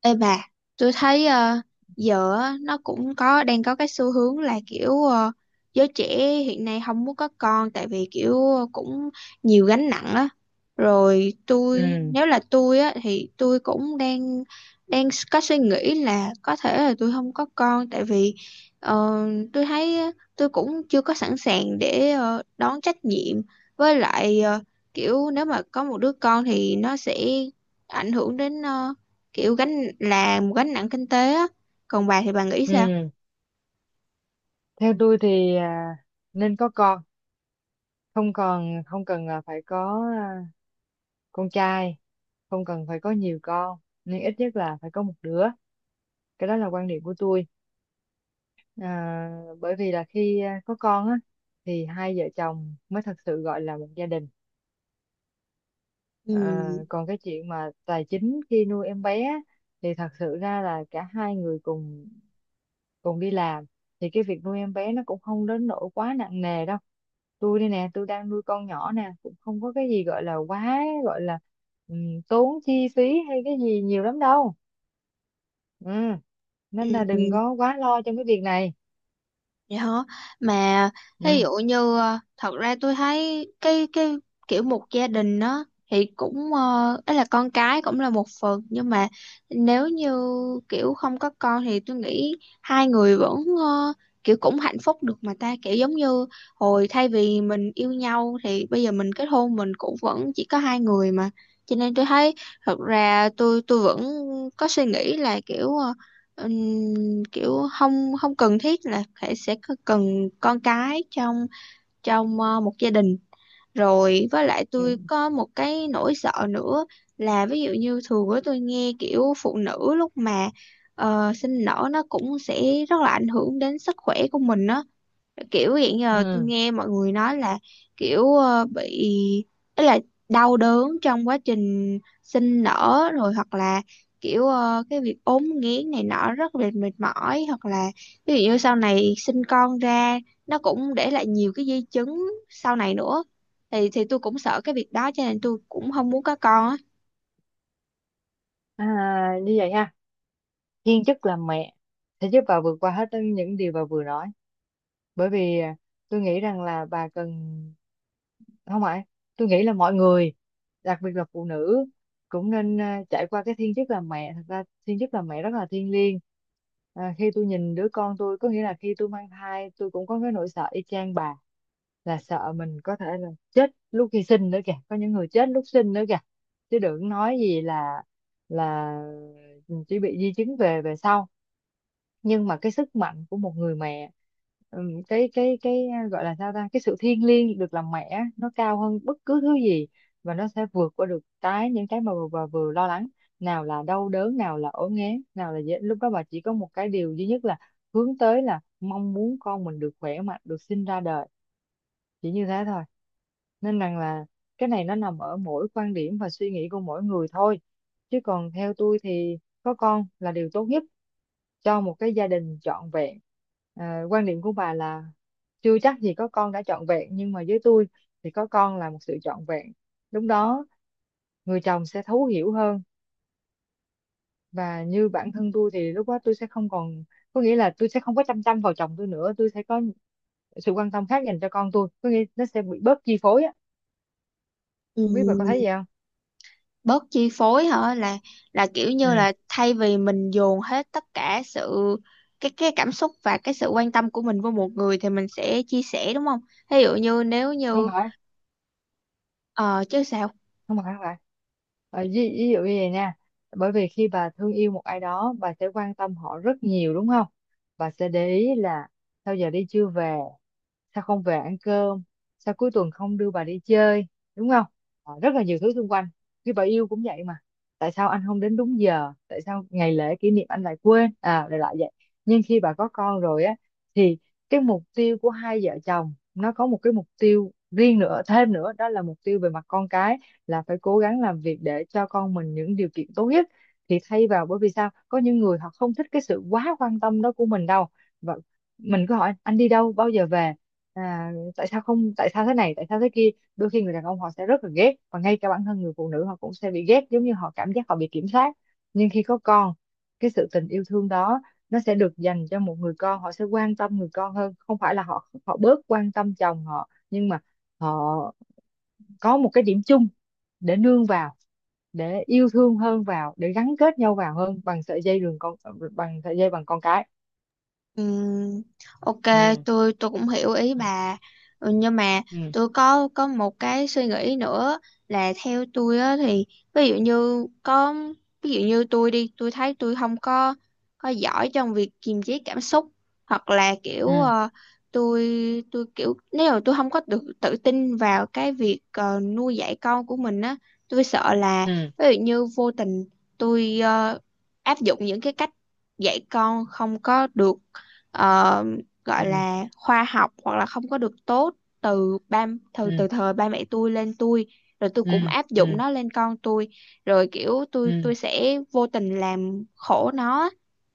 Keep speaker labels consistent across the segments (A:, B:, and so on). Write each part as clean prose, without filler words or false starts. A: Ê bà, tôi thấy giờ á, nó cũng có đang có cái xu hướng là kiểu giới trẻ hiện nay không muốn có con, tại vì kiểu cũng nhiều gánh nặng á. Rồi tôi,
B: Ừ,
A: nếu là tôi á thì tôi cũng đang đang có suy nghĩ là có thể là tôi không có con, tại vì ờ, tôi thấy á, tôi cũng chưa có sẵn sàng để đón trách nhiệm, với lại kiểu nếu mà có một đứa con thì nó sẽ ảnh hưởng đến, kiểu gánh là một gánh nặng kinh tế á, còn bà thì bà nghĩ sao?
B: ừ. Theo tôi thì nên có con, không cần là phải có con trai, không cần phải có nhiều con, nhưng ít nhất là phải có một đứa. Cái đó là quan điểm của tôi. à, Bởi vì là khi có con á, thì hai vợ chồng mới thật sự gọi là một gia đình.
A: Ừ.
B: Còn cái chuyện mà tài chính khi nuôi em bé á, thì thật sự ra là cả hai người cùng còn đi làm, thì cái việc nuôi em bé nó cũng không đến nỗi quá nặng nề đâu. Tôi đây nè, tôi đang nuôi con nhỏ nè, cũng không có cái gì gọi là quá, gọi là tốn chi phí hay cái gì nhiều lắm đâu. Ừ. Nên là đừng
A: Ừ.
B: có quá lo trong cái việc này.
A: Vậy hả? Mà ví
B: Ừ.
A: dụ như thật ra tôi thấy cái kiểu một gia đình đó thì cũng ấy, là con cái cũng là một phần, nhưng mà nếu như kiểu không có con thì tôi nghĩ hai người vẫn ờ, kiểu cũng hạnh phúc được mà ta, kiểu giống như hồi thay vì mình yêu nhau thì bây giờ mình kết hôn, mình cũng vẫn chỉ có hai người mà, cho nên tôi thấy thật ra tôi vẫn có suy nghĩ là kiểu kiểu không không cần thiết là phải cần con cái trong trong một gia đình. Rồi với lại
B: Ừ.
A: tôi có một cái nỗi sợ nữa, là ví dụ như thường á, tôi nghe kiểu phụ nữ lúc mà sinh nở nó cũng sẽ rất là ảnh hưởng đến sức khỏe của mình á, kiểu hiện giờ tôi
B: Ừ.
A: nghe mọi người nói là kiểu bị ý, là đau đớn trong quá trình sinh nở, rồi hoặc là kiểu cái việc ốm nghén này nọ rất là mệt mỏi, hoặc là ví dụ như sau này sinh con ra nó cũng để lại nhiều cái di chứng sau này nữa, thì tôi cũng sợ cái việc đó, cho nên tôi cũng không muốn có con á.
B: À, như vậy ha. Thiên chức làm mẹ sẽ giúp bà vượt qua hết những điều bà vừa nói. Bởi vì tôi nghĩ rằng là bà cần, không ạ, tôi nghĩ là mọi người, đặc biệt là phụ nữ, cũng nên trải qua cái thiên chức làm mẹ. Thật ra thiên chức làm mẹ rất là thiêng liêng. Khi tôi nhìn đứa con tôi, có nghĩa là khi tôi mang thai, tôi cũng có cái nỗi sợ y chang bà, là sợ mình có thể là chết lúc khi sinh nữa kìa, có những người chết lúc sinh nữa kìa, chứ đừng nói gì là chỉ bị di chứng về về sau. Nhưng mà cái sức mạnh của một người mẹ, cái gọi là sao ta, cái sự thiêng liêng được làm mẹ á, nó cao hơn bất cứ thứ gì. Và nó sẽ vượt qua được những cái mà bà vừa lo lắng, nào là đau đớn, nào là ốm nghén, nào là dễ. Lúc đó bà chỉ có một cái điều duy nhất là hướng tới, là mong muốn con mình được khỏe mạnh, được sinh ra đời, chỉ như thế thôi. Nên rằng là cái này nó nằm ở mỗi quan điểm và suy nghĩ của mỗi người thôi. Chứ còn theo tôi thì có con là điều tốt nhất cho một cái gia đình trọn vẹn. Quan điểm của bà là chưa chắc gì có con đã trọn vẹn, nhưng mà với tôi thì có con là một sự trọn vẹn. Lúc đó người chồng sẽ thấu hiểu hơn. Và như bản thân tôi thì lúc đó tôi sẽ không còn, có nghĩa là tôi sẽ không có chăm chăm vào chồng tôi nữa, tôi sẽ có sự quan tâm khác dành cho con tôi, có nghĩa nó sẽ bị bớt chi phối á.
A: Ừ,
B: Không biết bà có thấy gì không?
A: bớt chi phối hả? Là kiểu
B: Ừ.
A: như là thay vì mình dồn hết tất cả sự, cái cảm xúc và cái sự quan tâm của mình với một người, thì mình sẽ chia sẻ, đúng không? Ví dụ như nếu
B: Không
A: như
B: phải,
A: ờ chứ sao.
B: không phải, không phải. Ờ, ví dụ như vậy nha. Bởi vì khi bà thương yêu một ai đó, bà sẽ quan tâm họ rất nhiều, đúng không? Bà sẽ để ý là sao giờ đi chưa về, sao không về ăn cơm, sao cuối tuần không đưa bà đi chơi, đúng không? Ờ, rất là nhiều thứ xung quanh. Khi bà yêu cũng vậy mà, tại sao anh không đến đúng giờ, tại sao ngày lễ kỷ niệm anh lại quên à, lại lại vậy. Nhưng khi bà có con rồi á, thì cái mục tiêu của hai vợ chồng nó có một cái mục tiêu riêng nữa thêm nữa, đó là mục tiêu về mặt con cái, là phải cố gắng làm việc để cho con mình những điều kiện tốt nhất. Thì thay vào, bởi vì sao có những người họ không thích cái sự quá quan tâm đó của mình đâu, và mình cứ hỏi anh đi đâu bao giờ về tại sao không, tại sao thế này, tại sao thế kia. Đôi khi người đàn ông họ sẽ rất là ghét, và ngay cả bản thân người phụ nữ họ cũng sẽ bị ghét, giống như họ cảm giác họ bị kiểm soát. Nhưng khi có con, cái sự tình yêu thương đó nó sẽ được dành cho một người con, họ sẽ quan tâm người con hơn, không phải là họ họ bớt quan tâm chồng họ, nhưng mà họ có một cái điểm chung để nương vào, để yêu thương hơn vào, để gắn kết nhau vào hơn bằng sợi dây đường con, bằng sợi dây bằng con cái.
A: Ừm, ok,
B: Ừ,
A: tôi cũng hiểu ý bà. Ừ, nhưng mà
B: ừ,
A: tôi có một cái suy nghĩ nữa, là theo tôi á thì, ví dụ như có ví dụ như tôi thấy tôi không có giỏi trong việc kiềm chế cảm xúc, hoặc là kiểu
B: ừ,
A: tôi kiểu nếu mà tôi không có được tự tin vào cái việc nuôi dạy con của mình á, tôi sợ là
B: ừ,
A: ví dụ như vô tình tôi áp dụng những cái cách dạy con không có được, ờ, gọi
B: ừ,
A: là khoa học, hoặc là không có được tốt, từ ba từ
B: ừ,
A: từ thời ba mẹ tôi lên tôi, rồi tôi
B: ừ,
A: cũng áp dụng
B: ừ,
A: nó lên con tôi, rồi kiểu
B: ừ,
A: tôi
B: ừ,
A: tôi sẽ vô tình làm khổ nó,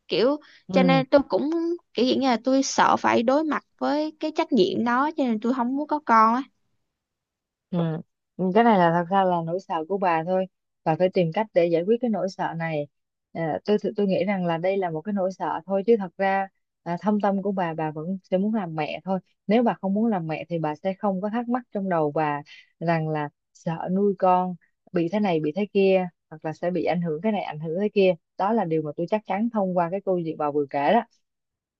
A: kiểu cho
B: ừ.
A: nên tôi cũng kiểu dạng như là tôi sợ phải đối mặt với cái trách nhiệm đó, cho nên tôi không muốn có con á.
B: Ừ. Cái này là thật ra là nỗi sợ của bà thôi, bà phải tìm cách để giải quyết cái nỗi sợ này. Tôi nghĩ rằng là đây là một cái nỗi sợ thôi, chứ thật ra thâm tâm của bà vẫn sẽ muốn làm mẹ thôi. Nếu bà không muốn làm mẹ thì bà sẽ không có thắc mắc trong đầu bà rằng là sợ nuôi con bị thế này bị thế kia, hoặc là sẽ bị ảnh hưởng cái này, ảnh hưởng thế kia. Đó là điều mà tôi chắc chắn thông qua cái câu chuyện bà vừa kể đó.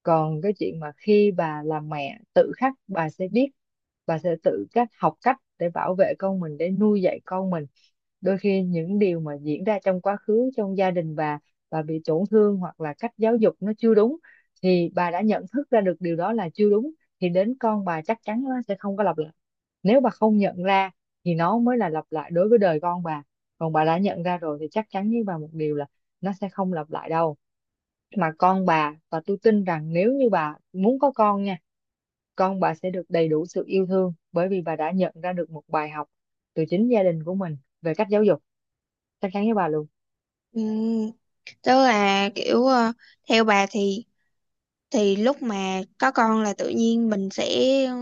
B: Còn cái chuyện mà khi bà là mẹ tự khắc bà sẽ biết, bà sẽ tự cách học cách để bảo vệ con mình, để nuôi dạy con mình. Đôi khi những điều mà diễn ra trong quá khứ, trong gia đình bà bị tổn thương, hoặc là cách giáo dục nó chưa đúng, thì bà đã nhận thức ra được điều đó là chưa đúng, thì đến con bà chắc chắn nó sẽ không có lặp lại. Nếu bà không nhận ra thì nó mới là lặp lại đối với đời con bà. Còn bà đã nhận ra rồi thì chắc chắn với bà một điều là nó sẽ không lặp lại đâu. Mà con bà, và tôi tin rằng nếu như bà muốn có con nha, con bà sẽ được đầy đủ sự yêu thương, bởi vì bà đã nhận ra được một bài học từ chính gia đình của mình về cách giáo dục. Chắc chắn với bà luôn.
A: Ừ, tức là kiểu theo bà thì lúc mà có con là tự nhiên mình sẽ, ừ,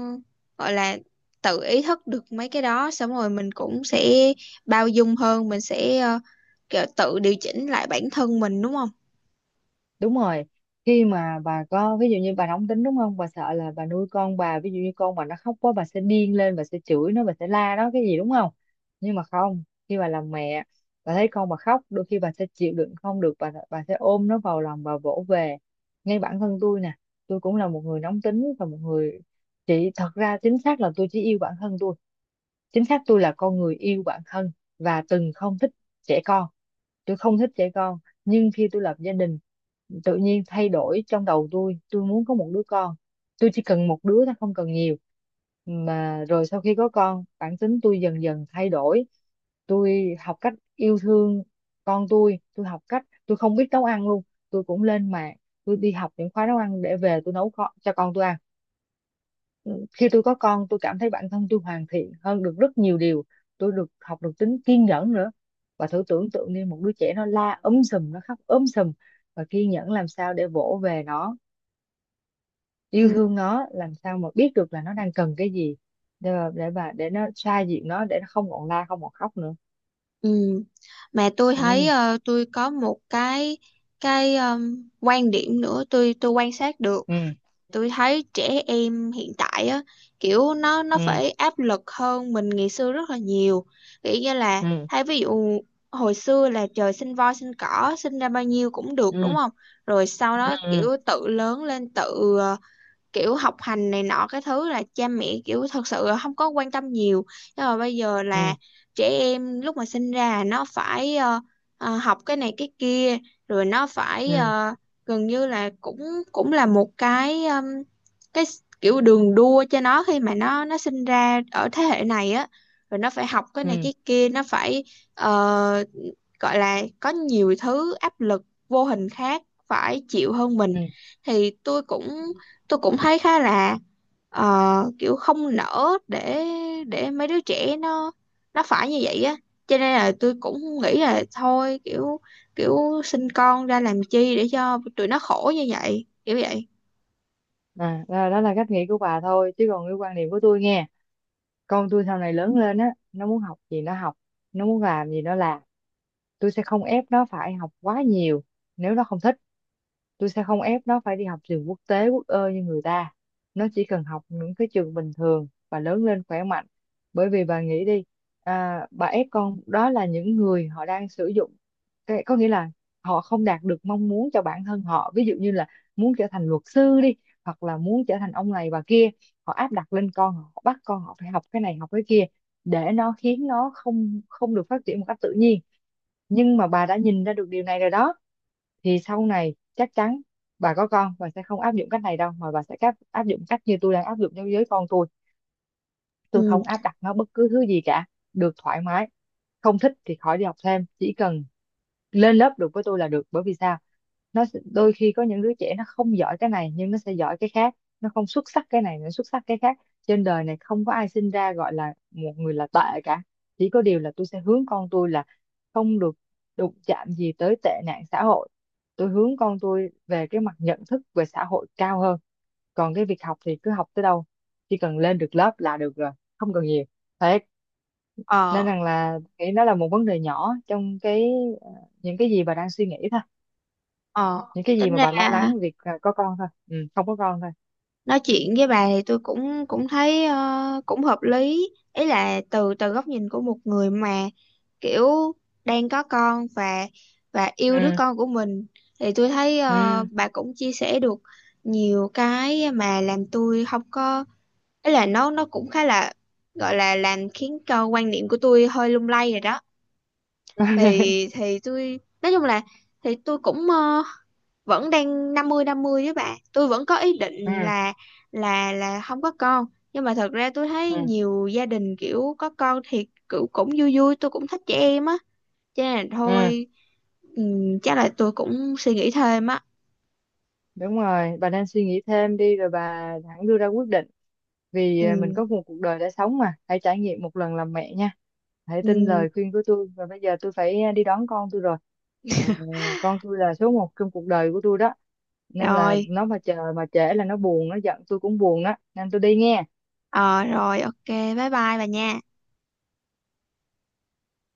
A: gọi là tự ý thức được mấy cái đó, xong rồi mình cũng sẽ bao dung hơn, mình sẽ kiểu tự điều chỉnh lại bản thân mình, đúng không?
B: Đúng rồi. Khi mà bà có, ví dụ như bà nóng tính, đúng không, bà sợ là bà nuôi con bà, ví dụ như con bà nó khóc quá bà sẽ điên lên, bà sẽ chửi nó, bà sẽ la nó cái gì, đúng không? Nhưng mà không. Khi bà làm mẹ, bà thấy con bà khóc, đôi khi bà sẽ chịu đựng không được, bà sẽ ôm nó vào lòng, bà vỗ về. Ngay bản thân tôi nè, tôi cũng là một người nóng tính, và một người chỉ, thật ra chính xác là tôi chỉ yêu bản thân tôi, chính xác tôi là con người yêu bản thân. Và từng không thích trẻ con, tôi không thích trẻ con. Nhưng khi tôi lập gia đình, tự nhiên thay đổi trong đầu tôi muốn có một đứa con. Tôi chỉ cần một đứa thôi, không cần nhiều. Mà rồi sau khi có con, bản tính tôi dần dần thay đổi. Tôi học cách yêu thương con tôi học cách, tôi không biết nấu ăn luôn, tôi cũng lên mạng, tôi đi học những khóa nấu ăn để về tôi nấu cho con tôi ăn. Khi tôi có con, tôi cảm thấy bản thân tôi hoàn thiện hơn được rất nhiều điều. Tôi được học, được tính kiên nhẫn nữa. Và thử tưởng tượng đi, một đứa trẻ nó la ấm sùm, nó khóc ấm sùm, và kiên nhẫn làm sao để vỗ về nó, yêu
A: Ừ,
B: thương nó, làm sao mà biết được là nó đang cần cái gì, để mà để nó xoa dịu nó, để nó không còn la, không còn khóc nữa.
A: ừ. Mà tôi thấy
B: Ừ,
A: tôi có một cái quan điểm nữa, tôi quan sát được.
B: ừ,
A: Tôi thấy trẻ em hiện tại á, kiểu nó
B: ừ,
A: phải áp lực hơn mình ngày xưa rất là nhiều, kiểu như là
B: ừ,
A: hay ví dụ, hồi xưa là trời sinh voi sinh cỏ, sinh ra bao nhiêu cũng được, đúng
B: ừ,
A: không? Rồi sau
B: ừ,
A: đó
B: ừ,
A: kiểu tự lớn lên, tự kiểu học hành này nọ, cái thứ là cha mẹ kiểu thật sự là không có quan tâm nhiều. Nhưng mà bây giờ là
B: ừ,
A: trẻ em lúc mà sinh ra nó phải, học cái này cái kia, rồi nó phải
B: ừ,
A: gần như là cũng cũng là một cái kiểu đường đua cho nó, khi mà nó sinh ra ở thế hệ này á, rồi nó phải học cái
B: ừ,
A: này
B: ừ,
A: cái kia, nó phải ờ, gọi là có nhiều thứ áp lực vô hình khác phải chịu hơn
B: ừ,
A: mình.
B: ừ.
A: Thì tôi cũng thấy khá là ờ, kiểu không nỡ để mấy đứa trẻ nó phải như vậy á, cho nên là tôi cũng nghĩ là thôi, kiểu kiểu sinh con ra làm chi để cho tụi nó khổ như vậy, kiểu vậy.
B: Đó, đó là cách nghĩ của bà thôi. Chứ còn cái quan điểm của tôi nghe, con tôi sau này lớn lên á, nó muốn học gì nó học, nó muốn làm gì nó làm. Tôi sẽ không ép nó phải học quá nhiều, nếu nó không thích. Tôi sẽ không ép nó phải đi học trường quốc tế quốc ơ như người ta. Nó chỉ cần học những cái trường bình thường và lớn lên khỏe mạnh. Bởi vì bà nghĩ đi, bà ép con, đó là những người họ đang sử dụng cái, có nghĩa là họ không đạt được mong muốn cho bản thân họ, ví dụ như là muốn trở thành luật sư đi, hoặc là muốn trở thành ông này bà kia, họ áp đặt lên con họ, bắt con họ phải học cái này học cái kia, để nó khiến nó không không được phát triển một cách tự nhiên. Nhưng mà bà đã nhìn ra được điều này rồi đó, thì sau này chắc chắn bà có con bà sẽ không áp dụng cách này đâu, mà bà sẽ áp áp dụng cách như tôi đang áp dụng đối với con tôi. Tôi
A: Ừ.
B: không áp đặt nó bất cứ thứ gì cả, được thoải mái, không thích thì khỏi đi học thêm, chỉ cần lên lớp được với tôi là được. Bởi vì sao, đôi khi có những đứa trẻ nó không giỏi cái này nhưng nó sẽ giỏi cái khác, nó không xuất sắc cái này nó xuất sắc cái khác. Trên đời này không có ai sinh ra gọi là một người là tệ cả. Chỉ có điều là tôi sẽ hướng con tôi là không được đụng chạm gì tới tệ nạn xã hội, tôi hướng con tôi về cái mặt nhận thức về xã hội cao hơn. Còn cái việc học thì cứ học tới đâu, chỉ cần lên được lớp là được rồi, không cần nhiều. Thế
A: ờ
B: nên rằng là nghĩ nó là một vấn đề nhỏ trong cái, ờ, những cái gì bà đang suy nghĩ thôi,
A: ờ
B: những cái gì
A: Tính
B: mà bà lo
A: ra
B: lắng việc có con thôi, không có con thôi.
A: nói chuyện với bà thì tôi cũng cũng thấy cũng hợp lý, ý là từ từ góc nhìn của một người mà kiểu đang có con, và yêu đứa
B: Ừ,
A: con của mình, thì tôi thấy
B: ừ,
A: bà cũng chia sẻ được nhiều cái mà làm tôi không có, ý là nó cũng khá là, gọi là làm khiến cho quan niệm của tôi hơi lung lay rồi đó. Thì tôi nói chung là, thì tôi cũng vẫn đang 50-50 với bạn, tôi vẫn có ý định
B: ừ,
A: là không có con. Nhưng mà thật ra tôi thấy
B: ừ,
A: nhiều gia đình kiểu có con thì cũng vui vui, tôi cũng thích trẻ em á, cho nên là
B: ừ.
A: thôi. Ừm, chắc là tôi cũng suy nghĩ thêm á.
B: Đúng rồi, bà nên suy nghĩ thêm đi rồi bà hẳn đưa ra quyết định. Vì mình
A: Ừm.
B: có một cuộc đời đã sống, mà hãy trải nghiệm một lần làm mẹ nha. Hãy tin
A: Ừm.
B: lời khuyên của tôi, và bây giờ tôi phải đi đón con tôi rồi. Ờ, con tôi là số một trong cuộc đời của tôi đó, nên là
A: Rồi.
B: nó mà chờ mà trễ là nó buồn nó giận, tôi cũng buồn đó nên tôi đi nghe.
A: Ờ Rồi, ok, bye bye bà nha.